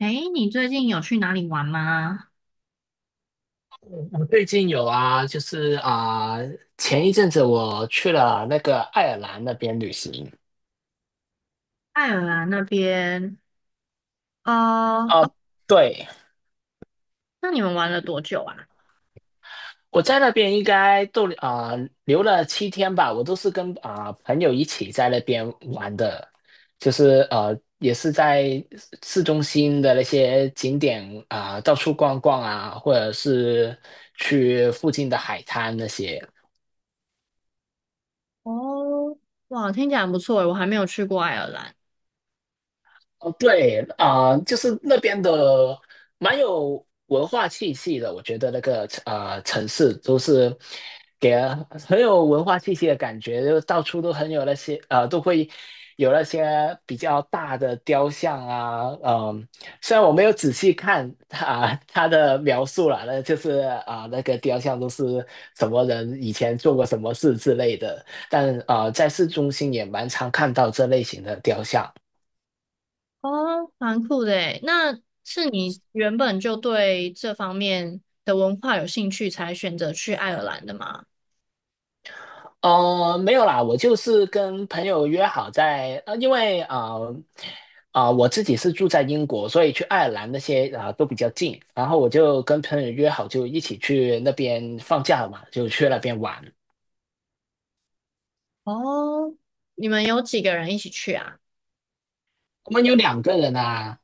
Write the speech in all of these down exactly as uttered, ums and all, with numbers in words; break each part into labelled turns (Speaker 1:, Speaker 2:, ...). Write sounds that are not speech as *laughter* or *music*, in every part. Speaker 1: 哎，你最近有去哪里玩吗？
Speaker 2: 我最近有啊，就是啊、前一阵子我去了那个爱尔兰那边旅行。
Speaker 1: 爱尔兰那边，啊？
Speaker 2: 啊、
Speaker 1: 哦
Speaker 2: 对，
Speaker 1: 那你们玩了多久啊？
Speaker 2: 我在那边应该逗留啊、留了七天吧，我都是跟啊、朋友一起在那边玩的，就是呃也是在市中心的那些景点，啊、到处逛逛啊，或者是去附近的海滩那些。
Speaker 1: 哦，哇，听起来很不错诶，我还没有去过爱尔兰。
Speaker 2: 哦，对啊、呃就是那边的蛮有文化气息的，我觉得那个呃城市都是给人很有文化气息的感觉，就到处都很有那些呃，都会有那些比较大的雕像啊。嗯、虽然我没有仔细看啊、他的描述啦，那就是啊、那个雕像都是什么人以前做过什么事之类的，但啊、呃在市中心也蛮常看到这类型的雕像。
Speaker 1: 哦，蛮酷的诶，那是你原本就对这方面的文化有兴趣，才选择去爱尔兰的吗？
Speaker 2: 哦，没有啦，我就是跟朋友约好在，呃，因为啊啊、呃呃我自己是住在英国，所以去爱尔兰那些啊、呃都比较近，然后我就跟朋友约好，就一起去那边放假嘛，就去那边玩。
Speaker 1: 哦，你们有几个人一起去啊？
Speaker 2: 我们有两个人啊，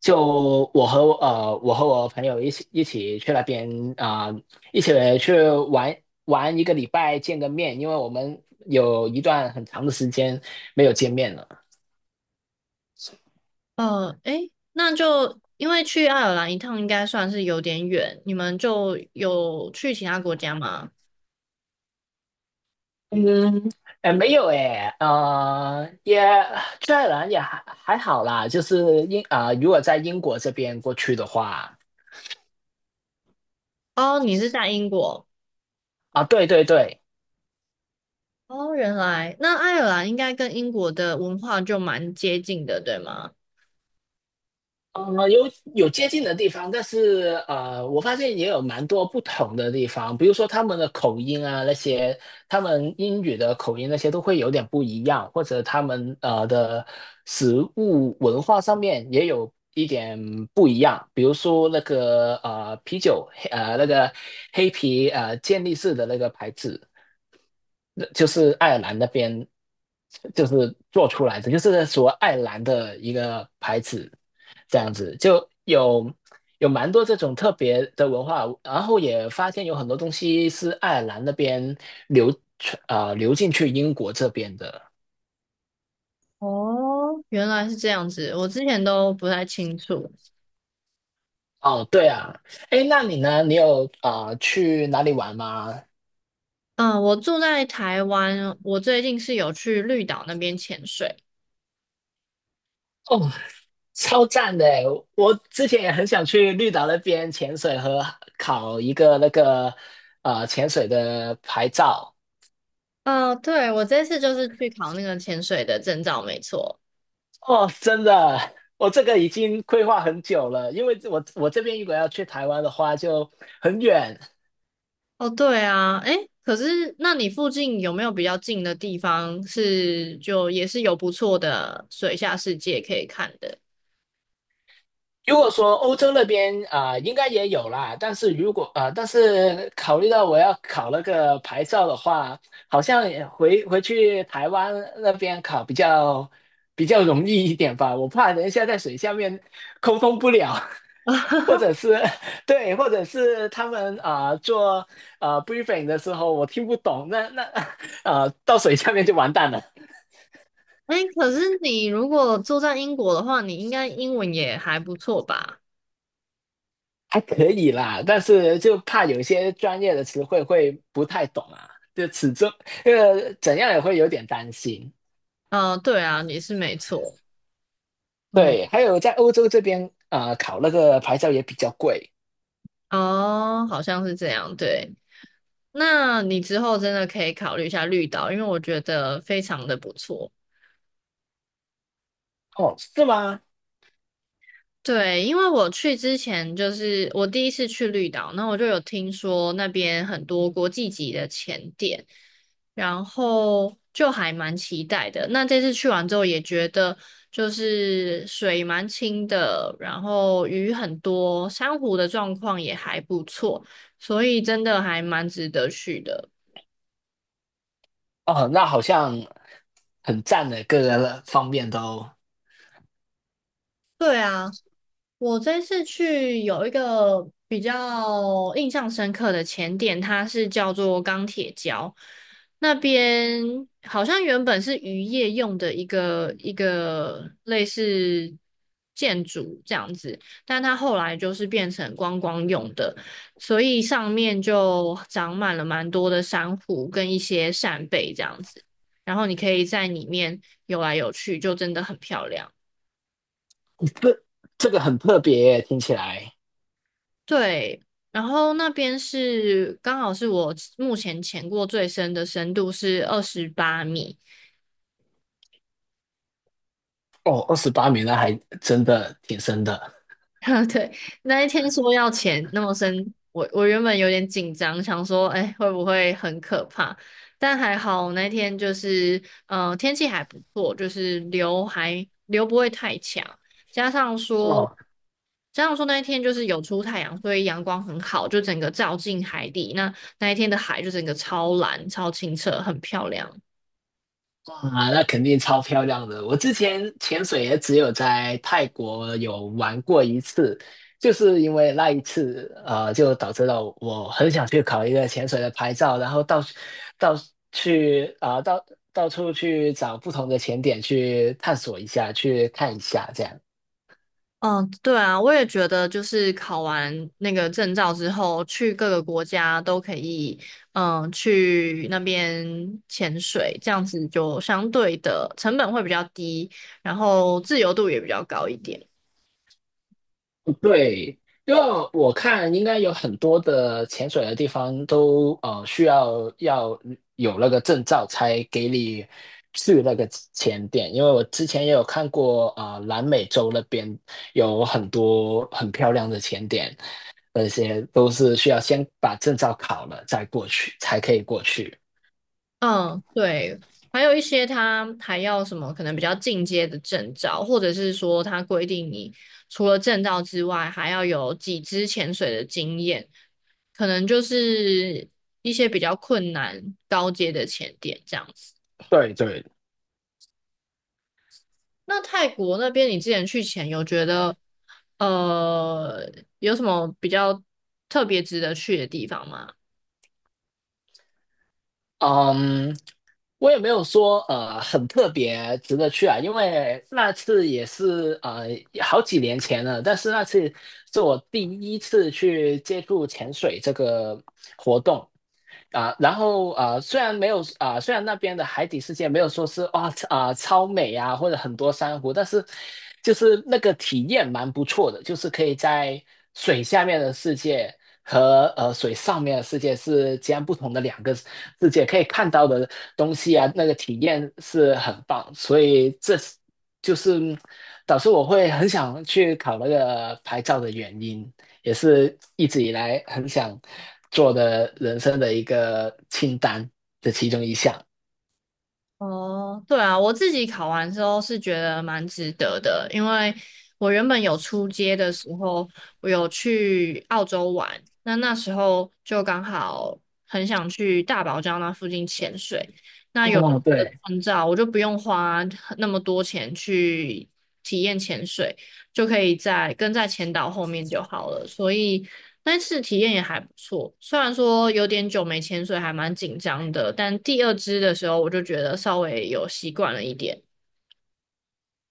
Speaker 2: 就我和我呃我和我朋友一起一起去那边啊、呃一起去玩玩一个礼拜，见个面，因为我们有一段很长的时间没有见面了。
Speaker 1: 呃，诶，那就因为去爱尔兰一趟应该算是有点远，你们就有去其他国家吗？
Speaker 2: 嗯，哎，没有哎，呃，也虽然也还还好啦，就是英啊、呃如果在英国这边过去的话。
Speaker 1: 哦，你是在英国
Speaker 2: 啊，对对对，
Speaker 1: 哦，原来那爱尔兰应该跟英国的文化就蛮接近的，对吗？
Speaker 2: 呃，有有接近的地方，但是呃，我发现也有蛮多不同的地方，比如说他们的口音啊，那些他们英语的口音那些都会有点不一样，或者他们呃的食物文化上面也有一点不一样，比如说那个呃啤酒，黑呃那个黑啤呃健力士的那个牌子，那就是爱尔兰那边就是做出来的，就是所谓爱尔兰的一个牌子，这样子就有有蛮多这种特别的文化，然后也发现有很多东西是爱尔兰那边流传啊、呃流进去英国这边的。
Speaker 1: 哦，原来是这样子，我之前都不太清楚。
Speaker 2: 哦，对啊。哎，那你呢？你有啊、呃去哪里玩吗？
Speaker 1: 嗯，我住在台湾，我最近是有去绿岛那边潜水。
Speaker 2: 哦，超赞的欸！我之前也很想去绿岛那边潜水和考一个那个呃潜水的牌照。
Speaker 1: 哦，对，我这次就是去考那个潜水的证照，没错。
Speaker 2: 哦，真的，我这个已经规划很久了，因为我我这边如果要去台湾的话就很远。
Speaker 1: 哦，对啊，诶，可是那你附近有没有比较近的地方是就也是有不错的水下世界可以看的？
Speaker 2: 如果说欧洲那边啊、呃应该也有啦。但是如果啊、呃但是考虑到我要考那个牌照的话，好像也回回去台湾那边考比较比较容易一点吧。我怕等一下在水下面沟通不了，*laughs* 或者是 *laughs* 对，或者是他们啊、呃做啊、呃 briefing 的时候我听不懂，那那 *laughs* 啊到水下面就完蛋了。
Speaker 1: 哎，可是你如果住在英国的话，你应该英文也还不错吧？
Speaker 2: 还可以啦，但是就怕有些专业的词汇会不太懂啊，就始终呃怎样也会有点担心。
Speaker 1: 呃，对啊，你是没错。嗯，
Speaker 2: 对，还有在欧洲这边，呃，考那个牌照也比较贵。
Speaker 1: 哦，好像是这样。对，那你之后真的可以考虑一下绿岛，因为我觉得非常的不错。
Speaker 2: 哦，是吗？
Speaker 1: 对，因为我去之前就是我第一次去绿岛，那我就有听说那边很多国际级的潜点，然后就还蛮期待的。那这次去完之后也觉得就是水蛮清的，然后鱼很多，珊瑚的状况也还不错，所以真的还蛮值得去的。
Speaker 2: 哦，那好像很赞的，各个方面都。
Speaker 1: 对啊。我这次去有一个比较印象深刻的前点，它是叫做钢铁礁。那边好像原本是渔业用的一个一个类似建筑这样子，但它后来就是变成观光用的，所以上面就长满了蛮多的珊瑚跟一些扇贝这样子，然后你可以在里面游来游去，就真的很漂亮。
Speaker 2: 这这个很特别耶，听起来。
Speaker 1: 对，然后那边是刚好是我目前潜过最深的深度是二十八米，
Speaker 2: 哦，二十八米那还真的挺深的
Speaker 1: *laughs* 对，那一天说要钱那么深，我我原本有点紧张，想说，哎，会不会很可怕？但还好那天就是，呃，天气还不错，就是流还流不会太强，加上说，
Speaker 2: 哦。
Speaker 1: 加上说那一天就是有出太阳，所以阳光很好，就整个照进海底，那那一天的海就整个超蓝、超清澈，很漂亮。
Speaker 2: 哇，那肯定超漂亮的。我之前潜水也只有在泰国有玩过一次，就是因为那一次，呃，就导致了我很想去考一个潜水的牌照，然后到到去啊、到到处去找不同的潜点去探索一下，去看一下这样。
Speaker 1: 嗯，对啊，我也觉得，就是考完那个证照之后，去各个国家都可以，嗯，去那边潜水，这样子就相对的成本会比较低，然后自由度也比较高一点。
Speaker 2: 对，因为我看应该有很多的潜水的地方都呃需要要有那个证照才给你去那个潜点，因为我之前也有看过啊、呃南美洲那边有很多很漂亮的潜点，那些都是需要先把证照考了再过去才可以过去。
Speaker 1: 嗯，对，还有一些他还要什么可能比较进阶的证照，或者是说他规定你除了证照之外，还要有几支潜水的经验，可能就是一些比较困难高阶的潜点这样子。
Speaker 2: 对对。
Speaker 1: 那泰国那边你之前去潜有觉得呃有什么比较特别值得去的地方吗？
Speaker 2: 嗯，我也没有说呃很特别值得去啊，因为那次也是呃好几年前了，但是那次是我第一次去接触潜水这个活动，啊，然后啊，虽然没有啊，虽然那边的海底世界没有说是哇啊超美啊，或者很多珊瑚，但是就是那个体验蛮不错的，就是可以在水下面的世界和呃水上面的世界是截然不同的两个世界，可以看到的东西啊，那个体验是很棒，所以这是就是导致我会很想去考那个牌照的原因。也是一直以来很想做的人生的一个清单的其中一项。
Speaker 1: 哦，对啊，我自己考完之后是觉得蛮值得的，因为我原本有出街的时候，我有去澳洲玩，那那时候就刚好很想去大堡礁那附近潜水，那有了
Speaker 2: 哦，
Speaker 1: 这个
Speaker 2: 对，
Speaker 1: 证照，我就不用花那么多钱去体验潜水，就可以在跟在前导后面就好了。所以那次体验也还不错，虽然说有点久没潜水，还蛮紧张的，但第二支的时候我就觉得稍微有习惯了一点。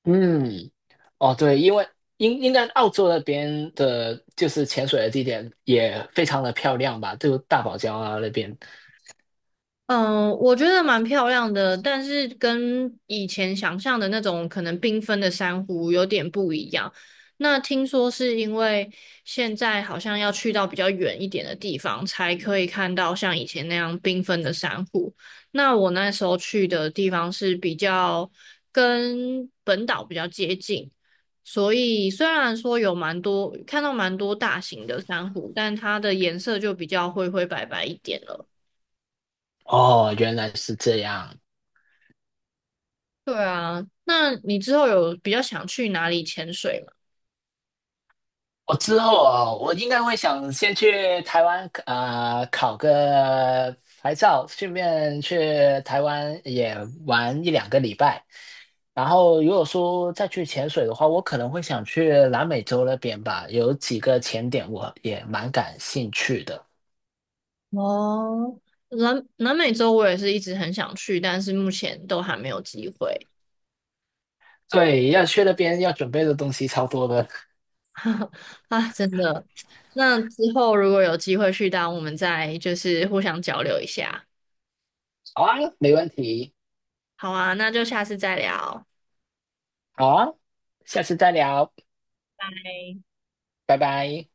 Speaker 2: 嗯。哦，对，因为应应该澳洲那边的，就是潜水的地点也非常的漂亮吧，就大堡礁啊那边。
Speaker 1: 嗯，我觉得蛮漂亮的，但是跟以前想象的那种可能缤纷的珊瑚有点不一样。那听说是因为现在好像要去到比较远一点的地方，才可以看到像以前那样缤纷的珊瑚。那我那时候去的地方是比较跟本岛比较接近，所以虽然说有蛮多看到蛮多大型的珊瑚，但它的颜色就比较灰灰白白一点了。
Speaker 2: 哦，原来是这样。
Speaker 1: 对啊，那你之后有比较想去哪里潜水吗？
Speaker 2: 我之后啊，我应该会想先去台湾啊、呃考个牌照，顺便去台湾也玩一两个礼拜。然后如果说再去潜水的话，我可能会想去南美洲那边吧，有几个潜点我也蛮感兴趣的。
Speaker 1: 哦，南南美洲我也是一直很想去，但是目前都还没有机会。
Speaker 2: 对，要去那边要准备的东西超多的。
Speaker 1: *laughs* 啊，真的。那之后如果有机会去到，我们再就是互相交流一下。
Speaker 2: 好啊，没问题。
Speaker 1: 好啊，那就下次再聊。
Speaker 2: 好啊，下次再聊，拜拜。